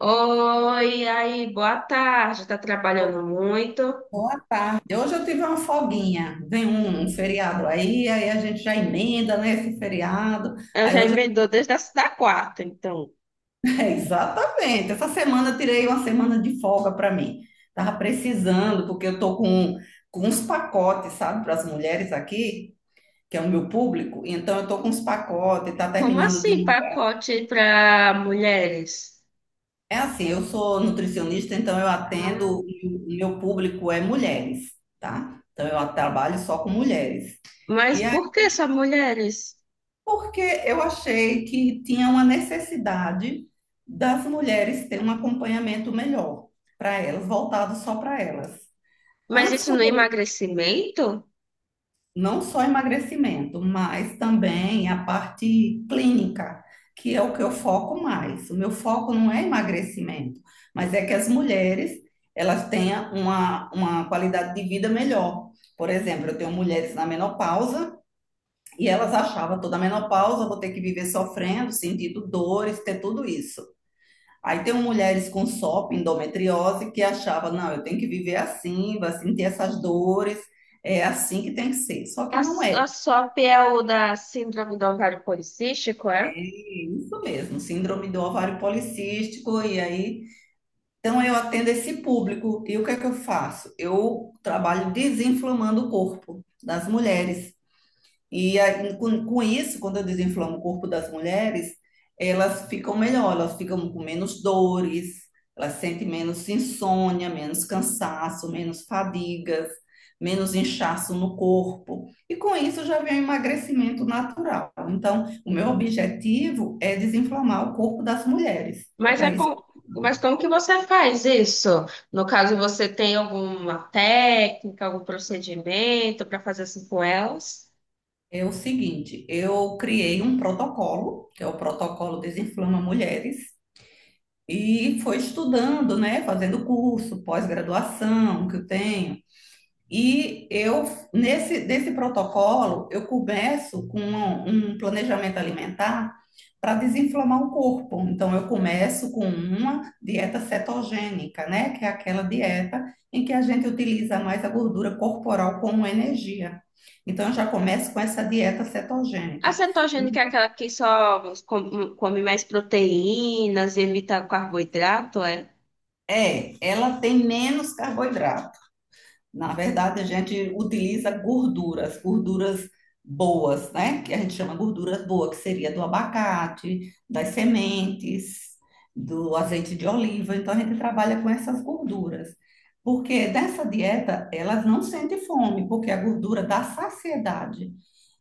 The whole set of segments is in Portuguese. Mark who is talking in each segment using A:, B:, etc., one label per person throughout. A: Oi, aí, boa tarde. Tá trabalhando muito?
B: Boa tarde. Hoje eu tive uma folguinha. Vem um feriado aí a gente já emenda, né, esse feriado.
A: Eu
B: Aí
A: já
B: hoje,
A: emendou desde a da quarta, então.
B: é, exatamente. Essa semana eu tirei uma semana de folga para mim. Tava precisando, porque eu tô com uns pacotes, sabe, para as mulheres aqui, que é o meu público. Então eu tô com uns pacotes, tá
A: Como
B: terminando de
A: assim,
B: um.
A: pacote para mulheres?
B: É assim, eu sou nutricionista, então eu
A: Ah,
B: atendo e o meu público é mulheres, tá? Então eu trabalho só com mulheres.
A: mas
B: E
A: por que só mulheres?
B: porque eu achei que tinha uma necessidade das mulheres ter um acompanhamento melhor para elas, voltado só para elas.
A: Mas
B: Antes,
A: isso não
B: quando
A: é
B: eu,
A: emagrecimento?
B: não só emagrecimento, mas também a parte clínica, que é o que eu foco mais. O meu foco não é emagrecimento, mas é que as mulheres elas tenham uma qualidade de vida melhor. Por exemplo, eu tenho mulheres na menopausa. E elas achavam toda a menopausa, vou ter que viver sofrendo, sentindo dores, ter tudo isso. Aí tem mulheres com SOP, endometriose, que achavam, não, eu tenho que viver assim, vai sentir essas dores, é assim que tem que ser. Só que
A: A,
B: não é.
A: a SOP é o da síndrome do ovário policístico, é?
B: É, isso mesmo, síndrome do ovário policístico, e aí. Então eu atendo esse público. E o que é que eu faço? Eu trabalho desinflamando o corpo das mulheres. E aí, com isso, quando eu desinflamo o corpo das mulheres, elas ficam melhor, elas ficam com menos dores, elas sentem menos insônia, menos cansaço, menos fadigas, menos inchaço no corpo. E com isso já vem o emagrecimento natural. Então, o meu objetivo é desinflamar o corpo das mulheres. É
A: Mas, é
B: para isso
A: com,
B: que
A: mas como que você faz isso? No caso, você tem alguma técnica, algum procedimento para fazer assim com elas?
B: é o seguinte, eu criei um protocolo, que é o protocolo Desinflama Mulheres. E foi estudando, né? Fazendo curso, pós-graduação que eu tenho. E eu, nesse protocolo, eu começo com um planejamento alimentar para desinflamar o corpo. Então, eu começo com uma dieta cetogênica, né? Que é aquela dieta em que a gente utiliza mais a gordura corporal como energia. Então, eu já começo com essa dieta
A: A
B: cetogênica.
A: cetogênica é aquela que só come mais proteínas, evita carboidrato, é?
B: É, ela tem menos carboidrato. Na verdade, a gente utiliza gorduras, gorduras boas, né? Que a gente chama gorduras boas, que seria do abacate, das sementes, do azeite de oliva. Então, a gente trabalha com essas gorduras. Porque dessa dieta, elas não sentem fome, porque a gordura dá saciedade.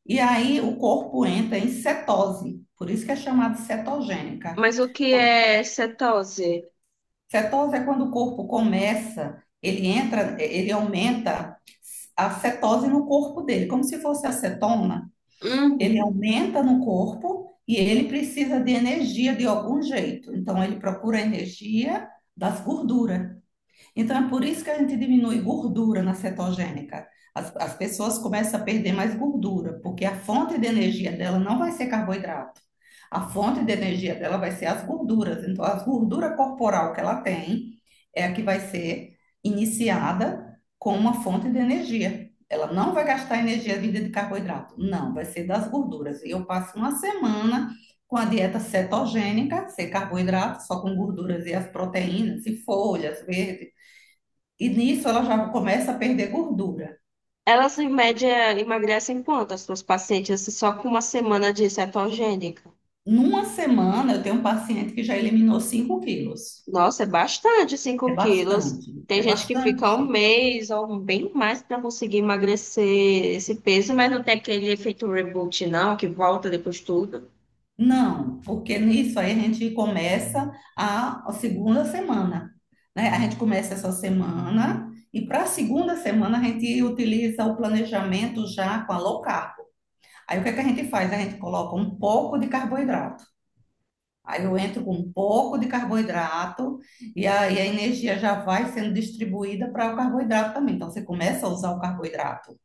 B: E aí, o corpo entra em cetose. Por isso que é chamada cetogênica.
A: Mas o que é cetose?
B: Cetose é quando o corpo começa, ele entra, ele aumenta a cetose no corpo dele, como se fosse acetona, ele
A: Uhum.
B: aumenta no corpo e ele precisa de energia de algum jeito. Então ele procura a energia das gorduras. Então, é por isso que a gente diminui gordura na cetogênica. As pessoas começam a perder mais gordura, porque a fonte de energia dela não vai ser carboidrato. A fonte de energia dela vai ser as gorduras. Então, a gordura corporal que ela tem é a que vai ser iniciada com uma fonte de energia. Ela não vai gastar energia vinda de carboidrato. Não, vai ser das gorduras. E eu passo uma semana com a dieta cetogênica, sem carboidrato, só com gorduras e as proteínas, e folhas, verde, e nisso ela já começa a perder gordura.
A: Elas, em média, emagrecem quanto as suas pacientes se só com uma semana de cetogênica?
B: Numa semana, eu tenho um paciente que já eliminou 5 quilos.
A: Nossa, é bastante,
B: É
A: 5 quilos.
B: bastante, é
A: Tem gente que fica
B: bastante.
A: um mês ou bem mais para conseguir emagrecer esse peso, mas não tem aquele efeito reboot, não, que volta depois tudo.
B: Não, porque nisso aí a gente começa a segunda semana, né? A gente começa essa semana e para a segunda semana a gente utiliza o planejamento já com a low carb. Aí o que é que a gente faz? A gente coloca um pouco de carboidrato. Aí eu entro com um pouco de carboidrato e aí a energia já vai sendo distribuída para o carboidrato também. Então você começa a usar o carboidrato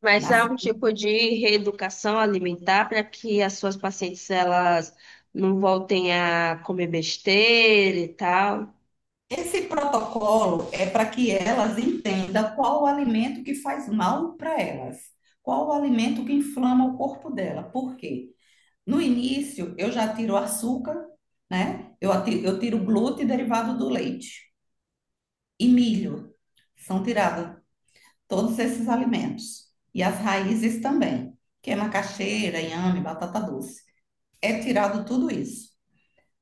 A: Mas
B: na
A: há um
B: sequência.
A: tipo de reeducação alimentar para que as suas pacientes elas não voltem a comer besteira e tal.
B: Esse protocolo é para que elas entendam qual o alimento que faz mal para elas, qual o alimento que inflama o corpo dela. Por quê? No início eu já tiro açúcar, né? Eu tiro glúten derivado do leite e milho, são tirados todos esses alimentos e as raízes também, que é macaxeira, inhame, batata doce. É tirado tudo isso.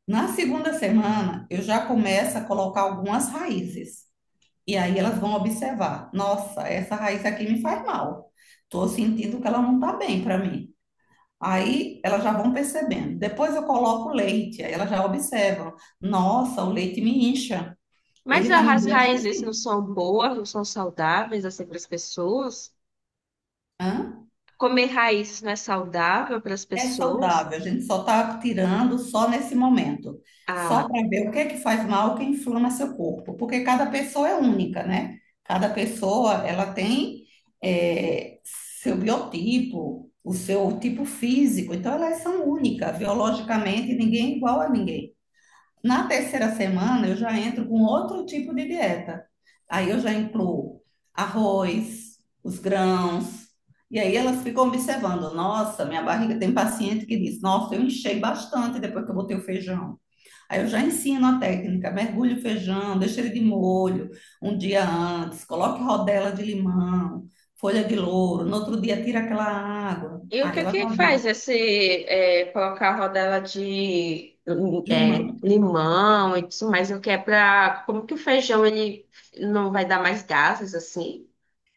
B: Na segunda semana, eu já começo a colocar algumas raízes. E aí elas vão observar: nossa, essa raiz aqui me faz mal. Estou sentindo que ela não está bem para mim. Aí elas já vão percebendo. Depois eu coloco o leite, aí elas já observam: nossa, o leite me incha.
A: Mas
B: Ele já me
A: as
B: deixa
A: raízes não
B: assim.
A: são boas, não são saudáveis assim para as pessoas.
B: Hã?
A: Comer raízes não é saudável para as
B: É
A: pessoas.
B: saudável, a gente só está tirando só nesse momento, só
A: Ah,
B: para ver o que é que faz mal, o que inflama seu corpo, porque cada pessoa é única, né? Cada pessoa, ela tem seu biotipo, o seu tipo físico, então elas são únicas, biologicamente ninguém é igual a ninguém. Na terceira semana, eu já entro com outro tipo de dieta. Aí eu já incluo arroz, os grãos. E aí elas ficam observando. Nossa, minha barriga, tem paciente que diz: nossa, eu enchei bastante depois que eu botei o feijão. Aí eu já ensino a técnica: mergulhe o feijão, deixa ele de molho um dia antes, coloque rodela de limão, folha de louro. No outro dia, tira aquela água.
A: e o
B: Aí
A: que
B: ela
A: que
B: já
A: faz
B: vê:
A: esse colocar rodela de
B: é. Limão.
A: limão e tudo mais? O que é para como que o feijão ele não vai dar mais gases assim?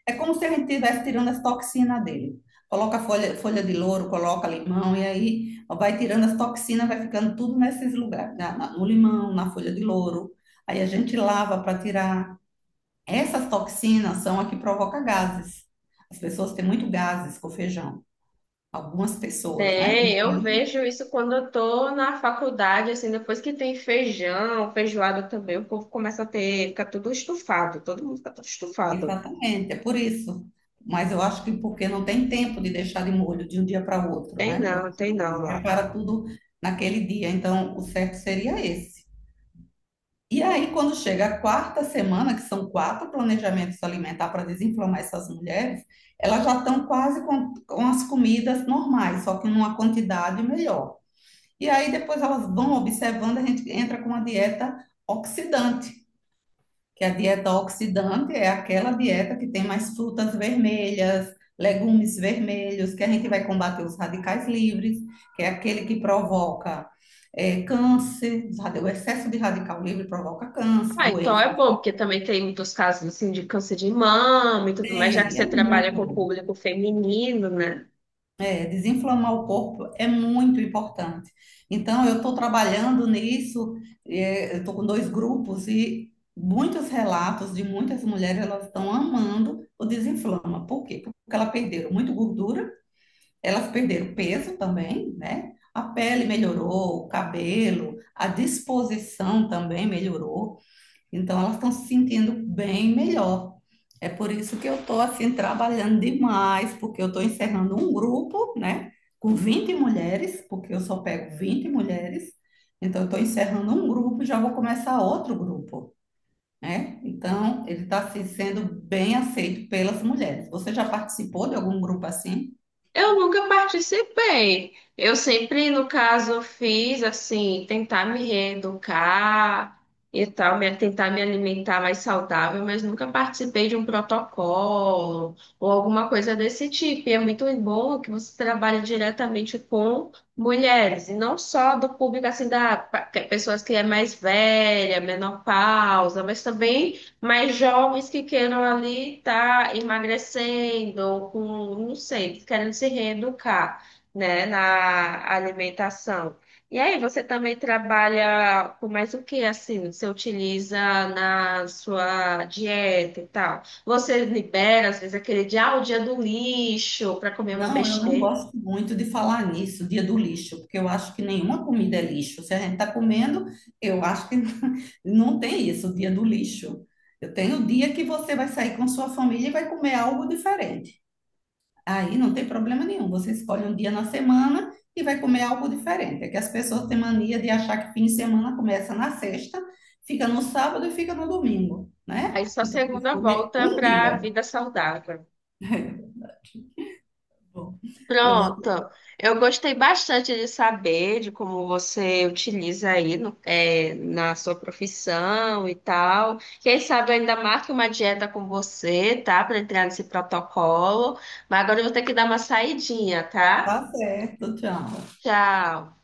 B: É como se a gente estivesse tirando as toxinas dele. Coloca folha, folha de louro, coloca limão, e aí vai tirando as toxinas, vai ficando tudo nesses lugares, no limão, na folha de louro. Aí a gente lava para tirar. Essas toxinas são a que provoca gases. As pessoas têm muito gases com feijão. Algumas pessoas, né?
A: Tem,
B: Então,
A: eu vejo isso quando eu tô na faculdade, assim, depois que tem feijão, feijoada também, o povo começa a ter, fica tudo estufado, todo mundo fica todo estufado.
B: exatamente, é por isso. Mas eu acho que porque não tem tempo de deixar de molho de um dia para outro, né? Eu acho
A: Tem
B: que
A: não lá.
B: prepara tudo naquele dia. Então, o certo seria esse. E aí, quando chega a quarta semana, que são quatro planejamentos alimentar para desinflamar essas mulheres, elas já estão quase com as comidas normais, só que numa quantidade melhor. E aí, depois elas vão observando, a gente entra com uma dieta oxidante, que a dieta oxidante é aquela dieta que tem mais frutas vermelhas, legumes vermelhos, que a gente vai combater os radicais livres, que é aquele que provoca câncer, os o excesso de radical livre provoca câncer,
A: Ah, então é
B: doenças.
A: bom, porque também tem muitos casos, assim, de câncer de mama e tudo mais, já que
B: Tem, é
A: você trabalha
B: muito
A: com o
B: bom.
A: público feminino, né?
B: É, desinflamar o corpo é muito importante. Então, eu estou trabalhando nisso, é, estou com 2 grupos e muitos relatos de muitas mulheres, elas estão amando o desinflama. Por quê? Porque elas perderam muito gordura, elas perderam peso também, né? A pele melhorou, o cabelo, a disposição também melhorou. Então elas estão se sentindo bem melhor. É por isso que eu estou assim trabalhando demais, porque eu estou encerrando um grupo, né, com 20 mulheres, porque eu só pego 20 mulheres. Então eu estou encerrando um grupo e já vou começar outro grupo, né? Então ele está assim, sendo bem aceito pelas mulheres. Você já participou de algum grupo assim?
A: Eu nunca participei. Eu sempre, no caso, fiz assim, tentar me reeducar e tal, tentar me alimentar mais saudável, mas nunca participei de um protocolo ou alguma coisa desse tipo. E é muito bom que você trabalhe diretamente com mulheres, e não só do público assim, pessoas que é mais velha, menopausa, mas também. Mas jovens que queiram ali estar emagrecendo, ou com, não sei, querendo se reeducar, né, na alimentação. E aí, você também trabalha com mais o que, assim, você utiliza na sua dieta e tal? Você libera, às vezes, aquele dia, ah, o dia do lixo, para comer uma
B: Não, eu não
A: besteira.
B: gosto muito de falar nisso, dia do lixo, porque eu acho que nenhuma comida é lixo. Se a gente está comendo, eu acho que não tem isso, dia do lixo. Eu tenho o dia que você vai sair com sua família e vai comer algo diferente. Aí não tem problema nenhum. Você escolhe um dia na semana e vai comer algo diferente. É que as pessoas têm mania de achar que fim de semana começa na sexta, fica no sábado e fica no domingo,
A: Aí,
B: né?
A: sua
B: Então, tem que
A: segunda
B: escolher
A: volta
B: um
A: para a
B: dia.
A: vida saudável.
B: É verdade. Bom, eu vou.
A: Pronto, eu gostei bastante de saber de como você utiliza aí no- é, na sua profissão e tal. Quem sabe eu ainda marque uma dieta com você, tá? Para entrar nesse protocolo. Mas agora eu vou ter que dar uma saidinha, tá?
B: Tá certo, tchau.
A: Tchau.